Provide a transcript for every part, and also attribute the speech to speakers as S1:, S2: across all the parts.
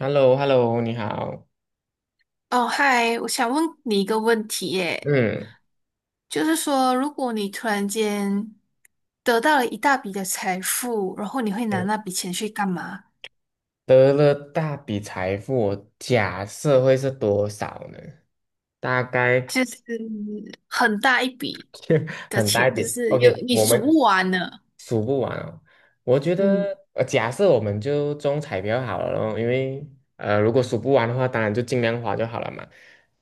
S1: h e l l o h e l l o 你好。
S2: 哦，嗨，我想问你一个问题耶，
S1: 嗯
S2: 就是说，如果你突然间得到了一大笔的财富，然后你会拿
S1: 嗯，
S2: 那笔钱去干嘛？
S1: 得了大笔财富，我假设会是多少呢？大概
S2: 就是很大一笔 的
S1: 很大一
S2: 钱，就
S1: 笔。
S2: 是有
S1: OK，
S2: 你
S1: 我
S2: 数
S1: 们
S2: 不完的。
S1: 数不完哦。我觉
S2: 嗯
S1: 得，假设我们就中彩票好了咯，因为如果数不完的话，当然就尽量花就好了嘛。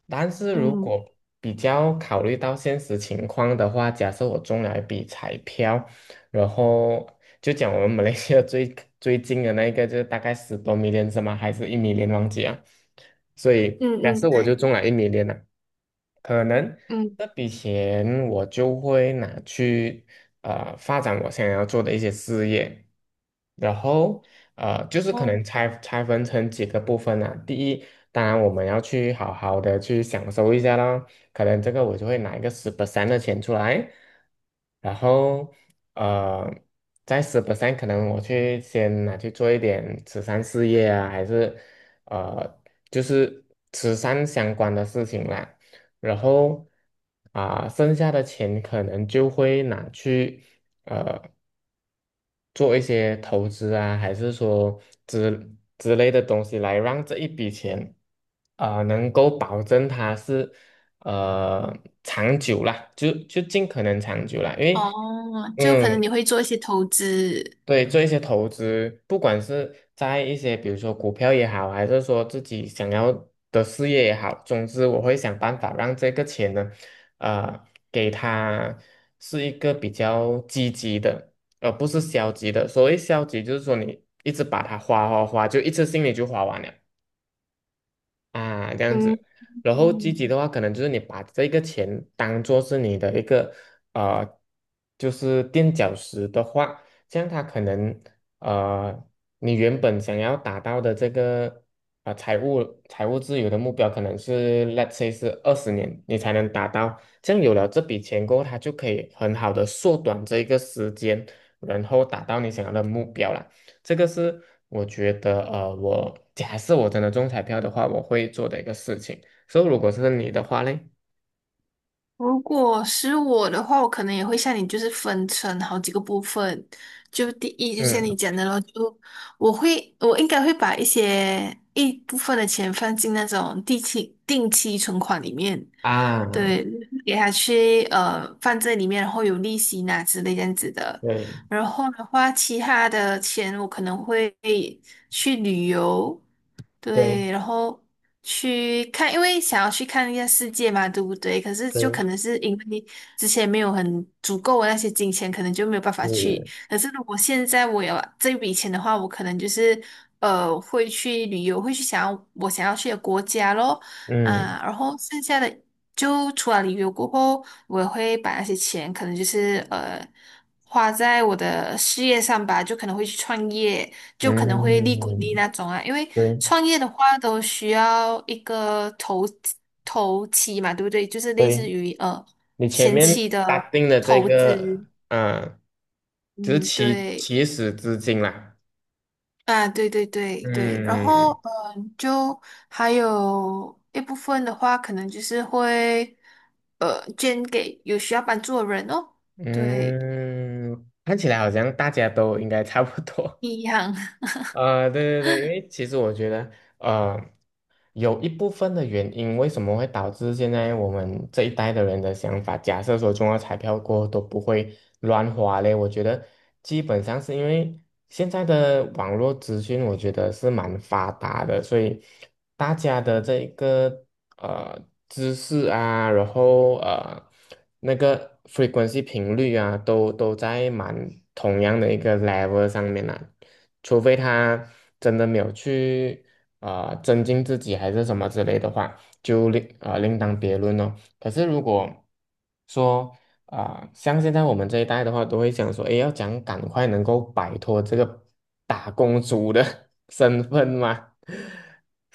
S1: 但是如
S2: 嗯
S1: 果比较考虑到现实情况的话，假设我中了一笔彩票，然后就讲我们 马来西亚最最近的那一个，就是大概十多米 i l l 吗？还是一米 i l l 忘记啊？所以
S2: 嗯
S1: 假
S2: 嗯，
S1: 设我就
S2: 对，
S1: 中了一米 i l 了可能
S2: 嗯，
S1: 这笔钱我就会拿去发展我想要做的一些事业，然后就是可能
S2: 哦
S1: 拆分成几个部分啊。第一，当然我们要去好好的去享受一下咯，可能这个我就会拿一个十 percent 的钱出来，然后呃在十 percent 可能我去先拿去做一点慈善事业啊，还是呃就是慈善相关的事情啦。然后啊、剩下的钱可能就会拿去做一些投资啊，还是说之类的东西来让这一笔钱啊、能够保证它是呃长久啦，就尽可能长久啦，因为
S2: 哦，就可能
S1: 嗯，
S2: 你会做一些投资。
S1: 对，做一些投资，不管是在一些比如说股票也好，还是说自己想要的事业也好，总之我会想办法让这个钱呢，给它是一个比较积极的，而不是消极的。所谓消极，就是说你一直把它花花花，就一次性你就花完了。啊，这样
S2: 嗯
S1: 子。然后积
S2: 嗯
S1: 极的话，可能就是你把这个钱当做是你的一个呃，就是垫脚石的话，这样它可能呃，你原本想要达到的这个财务自由的目标，可能是 let's say 是20年你才能达到。这样有了这笔钱过后，它就可以很好的缩短这一个时间，然后达到你想要的目标了。这个是我觉得，我假设我真的中彩票的话，我会做的一个事情。所以，如果是你的话嘞，
S2: 如果是我的话，我可能也会像你，就是分成好几个部分。就第一，就像你
S1: 嗯，
S2: 讲的咯，就我会，我应该会把一部分的钱放进那种定期存款里面，
S1: 啊，
S2: 对，给他去放在里面，然后有利息拿之类这样子的。
S1: 对
S2: 然后的话，其他的钱我可能会去旅游，
S1: 对
S2: 对，然后去看，因为想要去看一下世界嘛，对不对？可是就
S1: 对，
S2: 可能是因为之前没有很足够的那些金钱，可能就没有办法去。
S1: 是，
S2: 可是如果现在我有这笔钱的话，我可能就是会去旅游，会去想要我想要去的国家咯。
S1: 嗯
S2: 啊，然后剩下的就除了旅游过后，我也会把那些钱可能就是花在我的事业上吧，就可能会去创业，就可能会利滚利
S1: 嗯，
S2: 那种啊。因为
S1: 对
S2: 创业的话都需要一个投期嘛，对不对？就是类
S1: 对，
S2: 似于
S1: 你前
S2: 前
S1: 面
S2: 期
S1: 打
S2: 的
S1: 定的这
S2: 投资，
S1: 个，啊，就是
S2: 嗯，
S1: 起
S2: 对。
S1: 起始资金啦，
S2: 啊，对对对对，然后
S1: 嗯
S2: 嗯，就还有一部分的话，可能就是会捐给有需要帮助的人哦，对，
S1: 嗯，看起来好像大家都应该差不多。
S2: 一样，
S1: 啊，对对对，因为其实我觉得，呃，有一部分的原因，为什么会导致现在我们这一代的人的想法，假设说中了彩票过后都不会乱花嘞，我觉得基本上是因为现在的网络资讯，我觉得是蛮发达的，所以大家的这一个呃知识啊，然后那个 frequency 频率啊，都在蛮同样的一个 level 上面啊。除非他真的没有去增进自己还是什么之类的话，就另当别论咯。可是如果说像现在我们这一代的话，都会想说，哎，要讲赶快能够摆脱这个打工族的 身份嘛，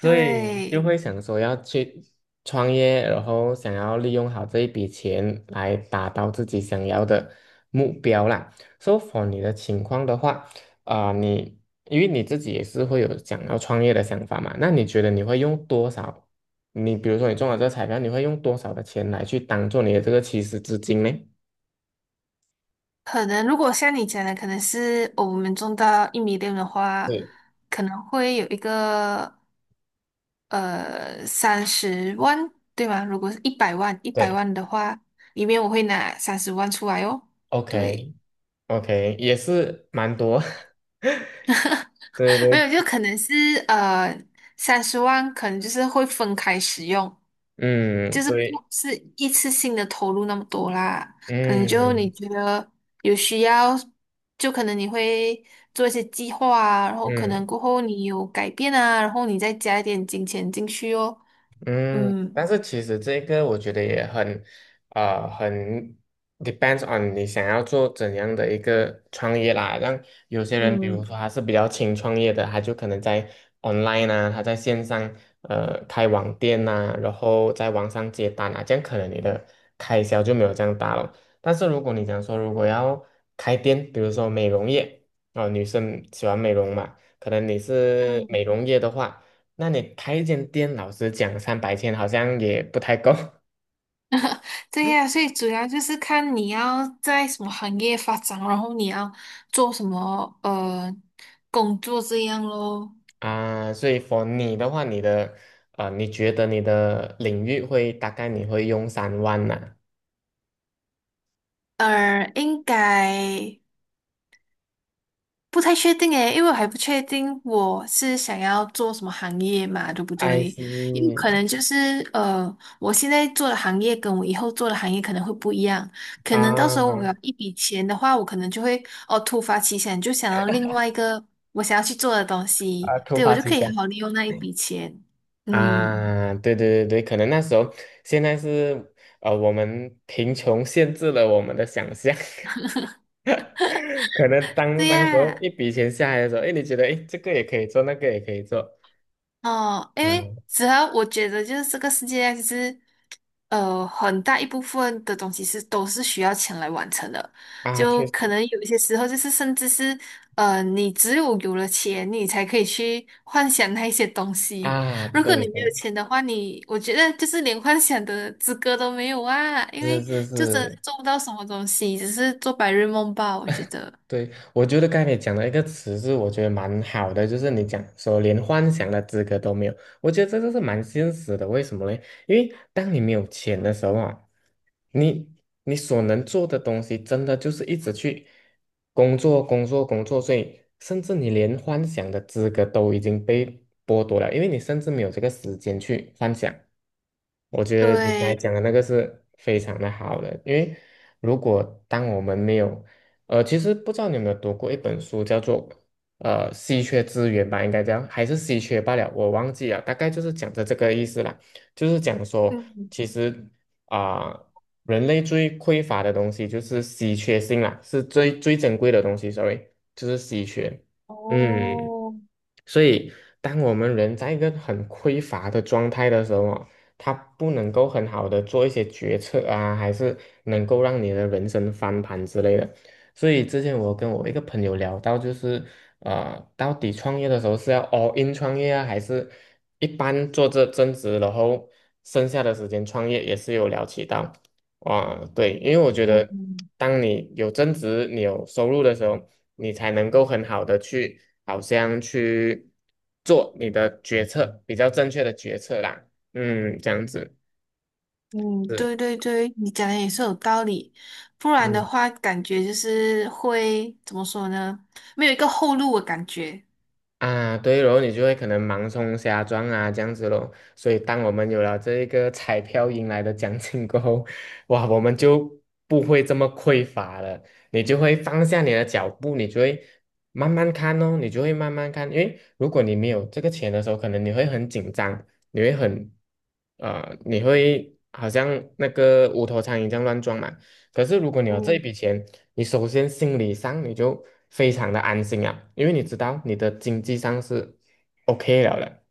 S1: 以就
S2: 对，
S1: 会想说要去创业，然后想要利用好这一笔钱来达到自己想要的目标啦。So for 你的情况的话，啊、你因为你自己也是会有想要创业的想法嘛，那你觉得你会用多少？你比如说你中了这个彩票，你会用多少的钱来去当做你的这个起始资金呢？
S2: 可能如果像你讲的，可能是我们种到一米六的话，
S1: 对，
S2: 可能会有一个三十万，对吗？如果是一百万，一百
S1: 对
S2: 万的话，里面我会拿三十万出来哦，
S1: ，OK
S2: 对。
S1: OK，也是蛮多，对 对
S2: 没有，
S1: 对，
S2: 就可能是呃，三十万可能就是会分开使用，
S1: 嗯，
S2: 就是不
S1: 对，
S2: 是一次性的投入那么多啦。可能就你
S1: 嗯
S2: 觉得有需要，就可能你会做一些计划啊，然后可
S1: 嗯。
S2: 能过后你有改变啊，然后你再加一点金钱进去哦。
S1: 嗯，
S2: 嗯
S1: 但是其实这个我觉得也很，很 depends on 你想要做怎样的一个创业啦。让有些人，比
S2: 嗯
S1: 如说他是比较轻创业的，他就可能在 online 啊，他在线上开网店呐、然后在网上接单啊，这样可能你的开销就没有这样大了。但是如果你讲说如果要开店，比如说美容业，啊、女生喜欢美容嘛，可能你是
S2: 嗯，
S1: 美容业的话。那你开一间店，老实讲，300天好像也不太够
S2: 对呀，所以主要就是看你要在什么行业发展，然后你要做什么工作这样咯。
S1: 啊。所以，for 你的话，你的你觉得你的领域会大概你会用3万呢
S2: 应该不太确定诶，因为我还不确定我是想要做什么行业嘛，对不
S1: I
S2: 对？因为可
S1: see
S2: 能就是我现在做的行业跟我以后做的行业可能会不一样，可能到时候我
S1: 啊
S2: 有一笔钱的话，我可能就会哦突发奇想，就想到另外一个我想要去做的东西，
S1: 啊，突
S2: 对，我
S1: 发
S2: 就
S1: 奇
S2: 可以好
S1: 想。
S2: 好利用那一笔钱。嗯，
S1: 啊，对对对对，可能那时候现在是我们贫穷限制了我们的想象，可能当
S2: 对
S1: 当时候
S2: 呀。
S1: 一笔钱下来的时候，哎，你觉得哎，诶这个也可以做，那个也可以做，
S2: 哦，因为
S1: 嗯
S2: 主要我觉得就是这个世界上其实，很大一部分的东西是都是需要钱来完成的，
S1: 啊，
S2: 就
S1: 确实
S2: 可能有一些时候就是甚至是，你只有有了钱，你才可以去幻想那一些东西。
S1: 啊，
S2: 如果
S1: 对
S2: 你没有钱的话，你我觉得就是连幻想的资格都没有啊，因为
S1: 是是
S2: 就真的
S1: 是，
S2: 是做不到什么东西，只是做白日梦吧，我觉得。
S1: 对，我觉得刚才你讲的一个词是我觉得蛮好的，就是你讲说连幻想的资格都没有，我觉得这个是蛮现实的。为什么呢？因为当你没有钱的时候啊，你你所能做的东西真的就是一直去工作、工作、工作，所以甚至你连幻想的资格都已经被剥夺了，因为你甚至没有这个时间去幻想。我觉得你刚才
S2: 对，
S1: 讲的那个是非常的好的，因为如果当我们没有，其实不知道你有没有读过一本书，叫做稀缺资源吧，应该这样，还是稀缺罢了，我忘记了，大概就是讲的这个意思啦，就是讲说，
S2: 嗯，
S1: 其实啊、人类最匮乏的东西就是稀缺性啦，是最最珍贵的东西，sorry，就是稀缺，嗯。
S2: 哦，
S1: 所以，当我们人在一个很匮乏的状态的时候哦，他不能够很好的做一些决策啊，还是能够让你的人生翻盘之类的。所以之前我跟我一个朋友聊到，就是到底创业的时候是要 all in 创业啊，还是一般做这增值，然后剩下的时间创业，也是有聊起到。哇，对，因为我觉得，
S2: 嗯，
S1: 当你有增值、你有收入的时候，你才能够很好的去，好像去做你的决策，比较正确的决策啦。嗯，这样子。
S2: 嗯，
S1: 是。
S2: 对对对，你讲的也是有道理，不然
S1: 嗯。
S2: 的话，感觉就是会怎么说呢？没有一个后路的感觉。
S1: 啊，对然后你就会可能盲冲瞎撞啊，这样子咯。所以，当我们有了这一个彩票赢来的奖金过后，哇，我们就不会这么匮乏了。你就会放下你的脚步，你就会慢慢看哦，你就会慢慢看。因为如果你没有这个钱的时候，可能你会很紧张，你会很，你会好像那个无头苍蝇这样乱撞嘛。可是如果你有这一
S2: 嗯。
S1: 笔钱，你首先心理上你就非常的安心啊，因为你知道你的经济上是 OK 了的，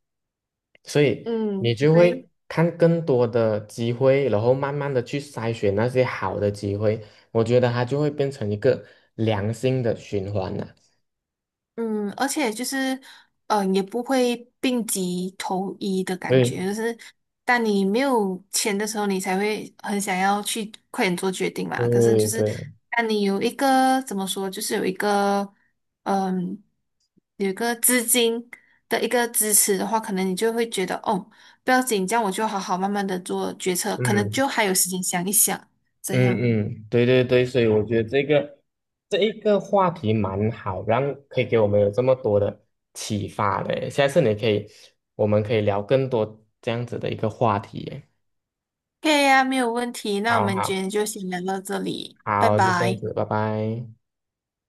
S1: 所以你
S2: 嗯，
S1: 就
S2: 对。
S1: 会看更多的机会，然后慢慢的去筛选那些好的机会，我觉得它就会变成一个良性的循环了。
S2: 嗯，而且就是，嗯，也不会病急投医的感觉，
S1: 对
S2: 就是当你没有钱的时候，你才会很想要去快点做决定嘛。可是
S1: 对
S2: 就是，
S1: 对，
S2: 当你有一个怎么说，就是有一个，嗯，有一个资金的一个支持的话，可能你就会觉得，哦，不要紧，这样我就好好慢慢的做决策，可能
S1: 嗯。
S2: 就还有时间想一想，这样。
S1: 嗯嗯，对对对，所以我觉得这个这一个话题蛮好，让可以给我们有这么多的启发的耶下次你可以，我们可以聊更多这样子的一个话题耶
S2: 可以呀，没有问题。那我
S1: 好
S2: 们今
S1: 好
S2: 天就先聊到这里，拜
S1: 好，就这样
S2: 拜。
S1: 子，拜拜。